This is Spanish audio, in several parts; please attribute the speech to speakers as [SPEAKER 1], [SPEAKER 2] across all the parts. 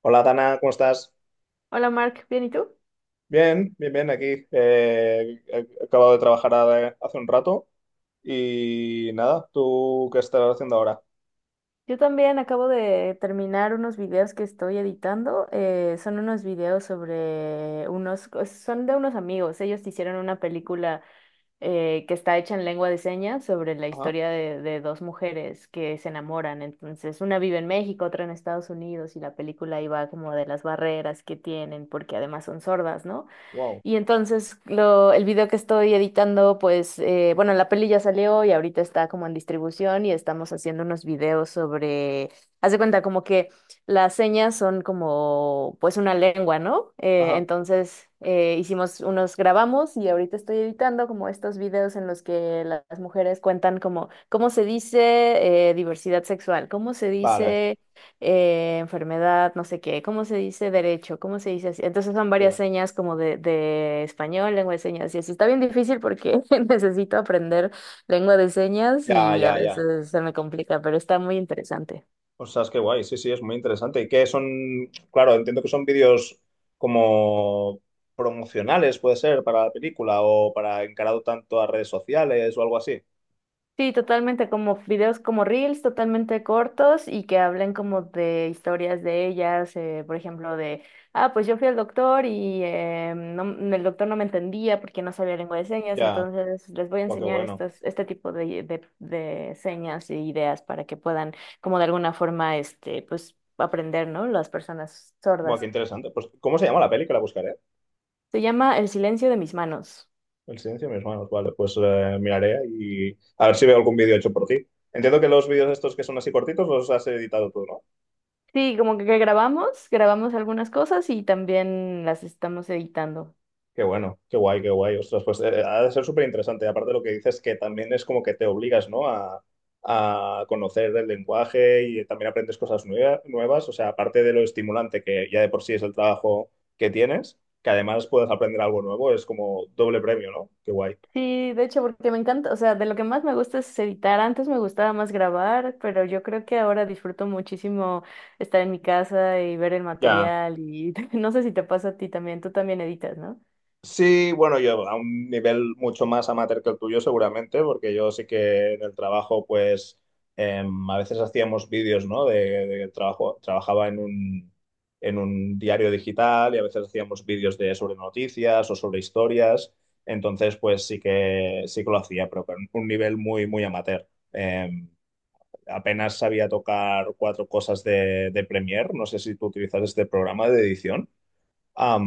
[SPEAKER 1] Hola, Dana, ¿cómo estás?
[SPEAKER 2] Hola Mark, ¿bien y tú?
[SPEAKER 1] Bien, bien, bien, aquí. He acabado de hace un rato y nada, ¿tú qué estás haciendo ahora?
[SPEAKER 2] Yo también acabo de terminar unos videos que estoy editando. Son unos videos sobre unos, o sea, son de unos amigos. Ellos hicieron una película que está hecha en lengua de señas sobre la
[SPEAKER 1] Ajá,
[SPEAKER 2] historia de dos mujeres que se enamoran. Entonces, una vive en México, otra en Estados Unidos, y la película iba como de las barreras que tienen, porque además son sordas, ¿no?
[SPEAKER 1] wow,
[SPEAKER 2] Y entonces lo, el video que estoy editando, pues, bueno, la peli ya salió y ahorita está como en distribución y estamos haciendo unos videos sobre, haz de cuenta como que las señas son como, pues, una lengua, ¿no? Eh,
[SPEAKER 1] ajá,
[SPEAKER 2] entonces eh, hicimos unos, grabamos y ahorita estoy editando como estos videos en los que las mujeres cuentan como, ¿cómo se dice diversidad sexual? ¿Cómo se
[SPEAKER 1] vale,
[SPEAKER 2] dice enfermedad, no sé qué, ¿cómo se dice derecho? ¿Cómo se dice así? Entonces son
[SPEAKER 1] qué
[SPEAKER 2] varias
[SPEAKER 1] bueno.
[SPEAKER 2] señas como de español, lengua de señas, y así está bien difícil porque necesito aprender lengua de señas
[SPEAKER 1] Ya,
[SPEAKER 2] y a
[SPEAKER 1] ya, ya.
[SPEAKER 2] veces se me complica, pero está muy interesante.
[SPEAKER 1] O sea, es que guay, sí, sí, es muy interesante. ¿Y qué son? Claro, entiendo que son vídeos como promocionales, puede ser, para la película o para encarado tanto a redes sociales o algo así.
[SPEAKER 2] Sí, totalmente, como videos como reels, totalmente cortos y que hablen como de historias de ellas, por ejemplo, de, ah, pues yo fui al doctor y el doctor no me entendía porque no sabía lengua de señas,
[SPEAKER 1] Ya,
[SPEAKER 2] entonces les voy a
[SPEAKER 1] guau, qué
[SPEAKER 2] enseñar
[SPEAKER 1] bueno.
[SPEAKER 2] estas, este tipo de señas e ideas para que puedan como de alguna forma, este, pues aprender, ¿no? Las personas
[SPEAKER 1] Guau, qué
[SPEAKER 2] sordas.
[SPEAKER 1] interesante. Pues, ¿cómo se llama la película? La buscaré.
[SPEAKER 2] Se llama El silencio de mis manos.
[SPEAKER 1] El silencio de mis manos, vale, pues miraré y a ver si veo algún vídeo hecho por ti. Entiendo que los vídeos estos que son así cortitos los has editado tú, ¿no?
[SPEAKER 2] Sí, como que grabamos, grabamos algunas cosas y también las estamos editando.
[SPEAKER 1] Qué bueno, qué guay, qué guay. Ostras, pues ha de ser súper interesante. Aparte lo que dices que también es como que te obligas, ¿no? A conocer el lenguaje y también aprendes cosas nuevas. O sea, aparte de lo estimulante que ya de por sí es el trabajo que tienes, que además puedas aprender algo nuevo, es como doble premio, ¿no? Qué guay.
[SPEAKER 2] Sí, de hecho, porque me encanta, o sea, de lo que más me gusta es editar. Antes me gustaba más grabar, pero yo creo que ahora disfruto muchísimo estar en mi casa y ver el
[SPEAKER 1] Ya,
[SPEAKER 2] material y no sé si te pasa a ti también, tú también editas, ¿no?
[SPEAKER 1] sí, bueno, yo a un nivel mucho más amateur que el tuyo seguramente, porque yo sí que en el trabajo, pues a veces hacíamos vídeos, ¿no? De trabajo, trabajaba en un diario digital y a veces hacíamos vídeos de sobre noticias o sobre historias, entonces pues sí que lo hacía, pero con un nivel muy amateur. Apenas sabía tocar cuatro cosas de Premiere, no sé si tú utilizas este programa de edición.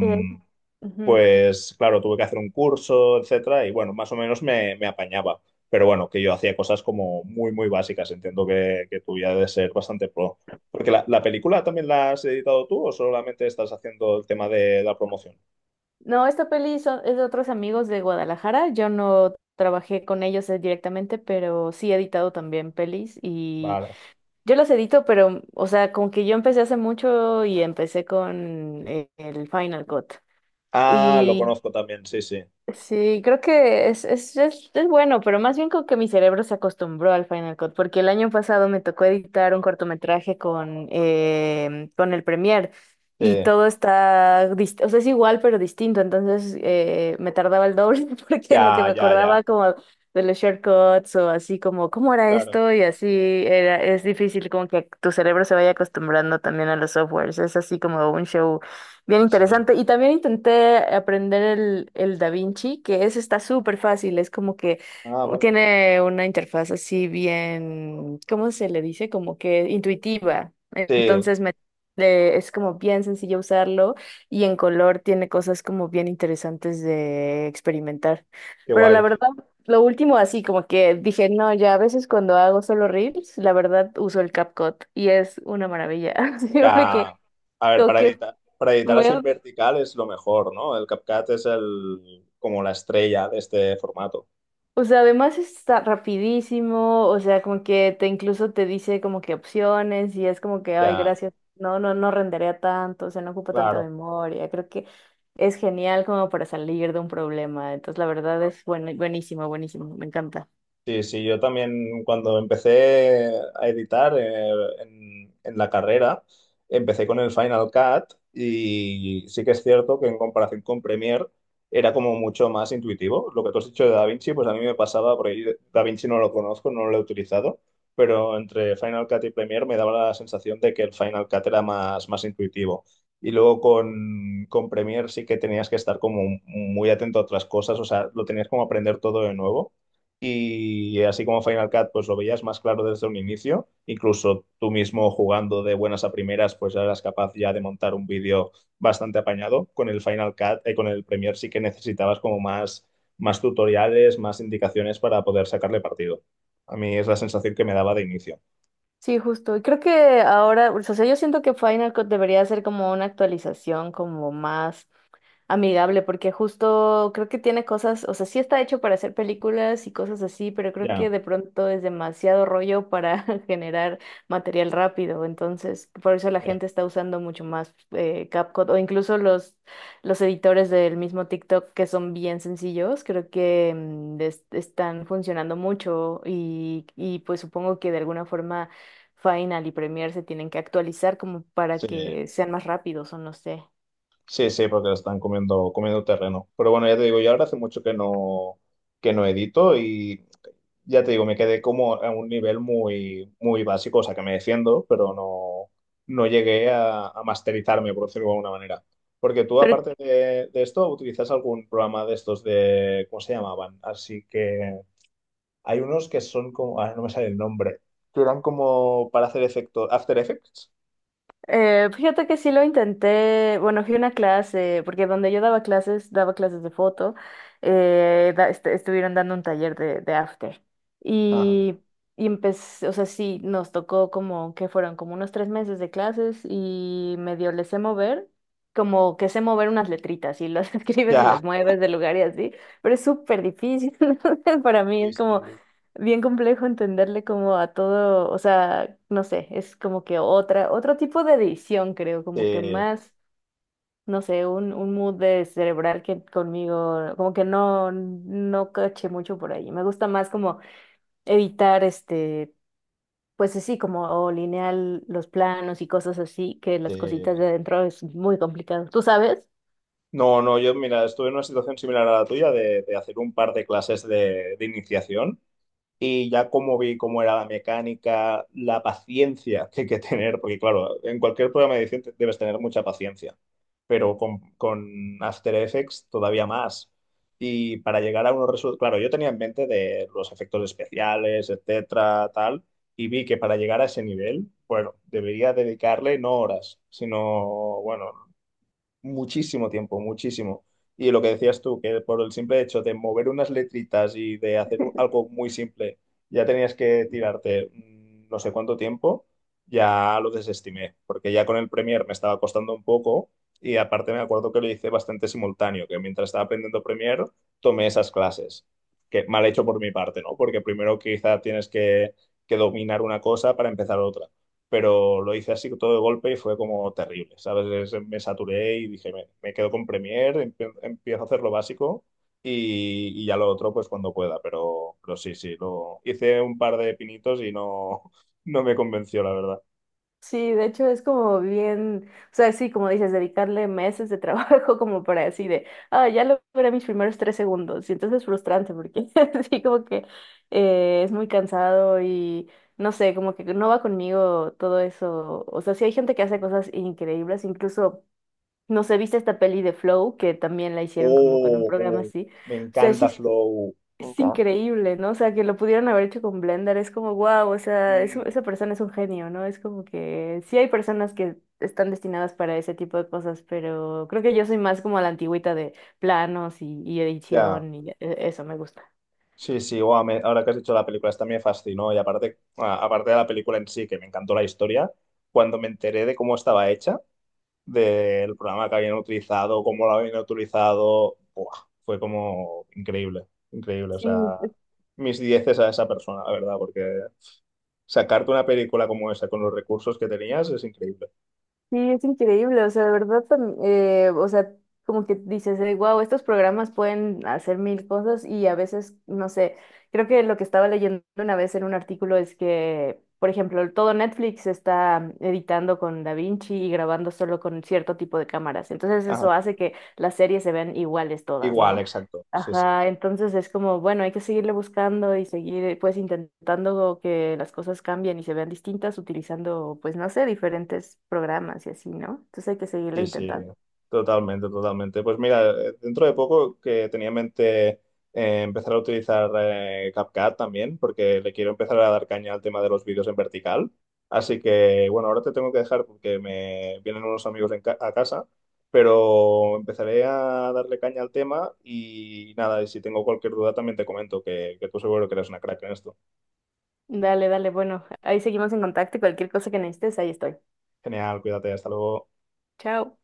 [SPEAKER 2] Eh, Ujú.
[SPEAKER 1] pues claro, tuve que hacer un curso, etcétera, y bueno, más o menos me, me apañaba. Pero bueno, que yo hacía cosas como muy, muy básicas. Entiendo que tú ya de ser bastante pro. Porque la película también la has editado tú o solamente estás haciendo el tema de la promoción.
[SPEAKER 2] No, esta peli son, es de otros amigos de Guadalajara. Yo no trabajé con ellos directamente, pero sí he editado también pelis y
[SPEAKER 1] Vale.
[SPEAKER 2] yo las edito, pero, o sea, con que yo empecé hace mucho y empecé con el Final Cut.
[SPEAKER 1] Ah, lo conozco también, sí, sí.
[SPEAKER 2] Sí, creo que es bueno, pero más bien como que mi cerebro se acostumbró al Final Cut, porque el año pasado me tocó editar un cortometraje con, em, con el Premiere y
[SPEAKER 1] Sí.
[SPEAKER 2] todo está, dist- o sea, es igual pero distinto, entonces me tardaba el doble porque en lo que
[SPEAKER 1] Ya,
[SPEAKER 2] me
[SPEAKER 1] ya, ya.
[SPEAKER 2] acordaba como de los shortcuts o así como, ¿cómo era
[SPEAKER 1] Claro.
[SPEAKER 2] esto? Y así era, es difícil como que tu cerebro se vaya acostumbrando también a los softwares, es así como un show. Bien
[SPEAKER 1] Sí.
[SPEAKER 2] interesante. Y también intenté aprender el Da Vinci, que es, está súper fácil. Es como que
[SPEAKER 1] Ah, vale.
[SPEAKER 2] tiene una interfaz así bien, ¿cómo se le dice? Como que intuitiva.
[SPEAKER 1] Sí,
[SPEAKER 2] Entonces me, le- es como bien sencillo usarlo y en color tiene cosas como bien interesantes de experimentar.
[SPEAKER 1] qué
[SPEAKER 2] Pero la
[SPEAKER 1] guay.
[SPEAKER 2] verdad, lo último así, como que dije, no, ya a veces cuando hago solo reels, la verdad uso el CapCut y es una maravilla. Siempre que...
[SPEAKER 1] Ya, a ver,
[SPEAKER 2] Como que
[SPEAKER 1] para editar
[SPEAKER 2] muy.
[SPEAKER 1] así en vertical es lo mejor, ¿no? El CapCut es el, como la estrella de este formato.
[SPEAKER 2] O sea, además está rapidísimo, o sea, como que te incluso te dice como que opciones y es como que, ay,
[SPEAKER 1] Ya,
[SPEAKER 2] gracias, no rendería tanto, o sea, no ocupa tanta
[SPEAKER 1] claro.
[SPEAKER 2] memoria. Creo que es genial como para salir de un problema. Entonces, la verdad es buen- buenísimo, buenísimo, me encanta.
[SPEAKER 1] Sí, sí, yo también cuando empecé a editar en la carrera, empecé con el Final Cut y sí que es cierto que en comparación con Premiere era como mucho más intuitivo. Lo que tú has dicho de DaVinci, pues a mí me pasaba, porque yo DaVinci no lo conozco, no lo he utilizado, pero entre Final Cut y Premiere me daba la sensación de que el Final Cut era más, más intuitivo. Y luego con Premiere sí que tenías que estar como muy atento a otras cosas, o sea, lo tenías como aprender todo de nuevo. Y así como Final Cut, pues lo veías más claro desde un inicio. Incluso tú mismo jugando de buenas a primeras, pues ya eras capaz ya de montar un vídeo bastante apañado. Con el Final Cut, con el Premiere sí que necesitabas como más, más tutoriales, más indicaciones para poder sacarle partido. A mí es la sensación que me daba de inicio.
[SPEAKER 2] Sí, justo. Y creo que ahora, o sea, yo siento que Final Cut debería ser como una actualización como más amigable, porque justo creo que tiene cosas, o sea, sí está hecho para hacer películas y cosas así, pero creo que
[SPEAKER 1] Ya,
[SPEAKER 2] de pronto es demasiado rollo para generar material rápido, entonces por eso la
[SPEAKER 1] ya.
[SPEAKER 2] gente está usando mucho más CapCut o incluso los editores del mismo TikTok que son bien sencillos, creo que están funcionando mucho y pues supongo que de alguna forma Final y Premiere se tienen que actualizar como para
[SPEAKER 1] Sí,
[SPEAKER 2] que sean más rápidos o no sé.
[SPEAKER 1] sí, sí, porque están comiendo, comiendo terreno. Pero bueno, ya te digo, yo ahora hace mucho que no edito y ya te digo, me quedé como a un nivel muy, muy básico, o sea que me defiendo, pero no, no llegué a masterizarme, por decirlo de alguna manera. Porque tú,
[SPEAKER 2] Pero
[SPEAKER 1] aparte de esto, utilizas algún programa de estos de, ¿cómo se llamaban? Así que hay unos que son como, ahora no me sale el nombre, que eran como para hacer efectos, After Effects.
[SPEAKER 2] Fíjate que sí lo intenté, bueno, fui a una clase, porque donde yo daba clases de foto, estuvieron dando un taller de after.
[SPEAKER 1] Ajá.
[SPEAKER 2] Y, y empecé, o sea, sí, nos tocó como que fueron como unos 3 meses de clases y medio le sé mover, como que sé mover unas letritas y las escribes y
[SPEAKER 1] Ya,
[SPEAKER 2] las mueves de lugar y así, pero es súper difícil para mí,
[SPEAKER 1] sí,
[SPEAKER 2] es como
[SPEAKER 1] sí,
[SPEAKER 2] bien complejo entenderle como a todo, o sea, no sé, es como que otra, otro tipo de edición, creo, como que
[SPEAKER 1] sí,
[SPEAKER 2] más, no sé, un mood de cerebral que conmigo, como que no, no caché mucho por ahí. Me gusta más como editar este, pues así, como o lineal los planos y cosas así, que las cositas
[SPEAKER 1] sí.
[SPEAKER 2] de adentro es muy complicado. ¿Tú sabes?
[SPEAKER 1] No, no, yo, mira, estuve en una situación similar a la tuya de hacer un par de clases de iniciación. Y ya como vi cómo era la mecánica, la paciencia que hay que tener, porque claro, en cualquier programa de edición debes tener mucha paciencia, pero con After Effects todavía más. Y para llegar a unos resultados, claro, yo tenía en mente de los efectos especiales, etcétera, tal, y vi que para llegar a ese nivel, bueno, debería dedicarle no horas, sino, bueno, muchísimo tiempo, muchísimo. Y lo que decías tú, que por el simple hecho de mover unas letritas y de hacer algo muy simple, ya tenías que tirarte no sé cuánto tiempo, ya lo desestimé, porque ya con el Premiere me estaba costando un poco y aparte me acuerdo que lo hice bastante simultáneo, que mientras estaba aprendiendo Premiere tomé esas clases, que mal hecho por mi parte, ¿no? Porque primero quizá tienes que dominar una cosa para empezar otra, pero lo hice así todo de golpe y fue como terrible, ¿sabes? Me saturé y dije, me quedo con Premiere, empiezo a hacer lo básico y ya lo otro pues cuando pueda, pero sí, sí, lo hice un par de pinitos y no, no me convenció, la verdad.
[SPEAKER 2] Sí, de hecho es como bien, o sea, sí, como dices, dedicarle meses de trabajo como para así de, ah, ya logré mis primeros 3 segundos. Y entonces es frustrante porque sí, como que es muy cansado y no sé, como que no va conmigo todo eso. O sea, sí hay gente que hace cosas increíbles, incluso, no sé, viste esta peli de Flow que también la hicieron como con un
[SPEAKER 1] Oh,
[SPEAKER 2] programa
[SPEAKER 1] oh,
[SPEAKER 2] así.
[SPEAKER 1] me
[SPEAKER 2] O sea,
[SPEAKER 1] encanta
[SPEAKER 2] sí
[SPEAKER 1] Flow. Me
[SPEAKER 2] es
[SPEAKER 1] encanta.
[SPEAKER 2] increíble, ¿no? O sea, que lo pudieran haber hecho con Blender, es como, wow, o sea, es un-
[SPEAKER 1] Mm,
[SPEAKER 2] esa persona es un genio, ¿no? Es como que sí hay personas que están destinadas para ese tipo de cosas, pero creo que yo soy más como a la antigüita de planos y
[SPEAKER 1] ya.
[SPEAKER 2] edición y e- eso me gusta.
[SPEAKER 1] Sí, sí, guau, ahora que has dicho la película, esta me fascinó y aparte, aparte de la película en sí, que me encantó la historia, cuando me enteré de cómo estaba hecha, del programa que habían utilizado, cómo lo habían utilizado. Buah, fue como increíble, increíble. O
[SPEAKER 2] Sí.
[SPEAKER 1] sea, mis dieces a esa persona, la verdad, porque sacarte una película como esa con los recursos que tenías es increíble.
[SPEAKER 2] Sí, es increíble, o sea, de verdad, o sea, como que dices, wow, estos programas pueden hacer mil cosas y a veces, no sé, creo que lo que estaba leyendo una vez en un artículo es que, por ejemplo, todo Netflix está editando con DaVinci y grabando solo con cierto tipo de cámaras, entonces eso
[SPEAKER 1] Ajá.
[SPEAKER 2] hace que las series se vean iguales todas,
[SPEAKER 1] Igual,
[SPEAKER 2] ¿no?
[SPEAKER 1] exacto. Sí, sí.
[SPEAKER 2] Ajá, entonces es como, bueno, hay que seguirle buscando y seguir pues intentando que las cosas cambien y se vean distintas utilizando pues no sé, diferentes programas y así, ¿no? Entonces hay que seguirle
[SPEAKER 1] Sí, sí,
[SPEAKER 2] intentando.
[SPEAKER 1] totalmente, totalmente. Pues mira, dentro de poco que tenía en mente empezar a utilizar CapCut también, porque le quiero empezar a dar caña al tema de los vídeos en vertical. Así que, bueno, ahora te tengo que dejar porque me vienen unos amigos a casa, pero empezaré a darle caña al tema y nada, y si tengo cualquier duda también te comento, que tú seguro que eres una crack en esto.
[SPEAKER 2] Dale, dale, bueno, ahí seguimos en contacto y cualquier cosa que necesites, ahí estoy.
[SPEAKER 1] Genial, cuídate, hasta luego.
[SPEAKER 2] Chao.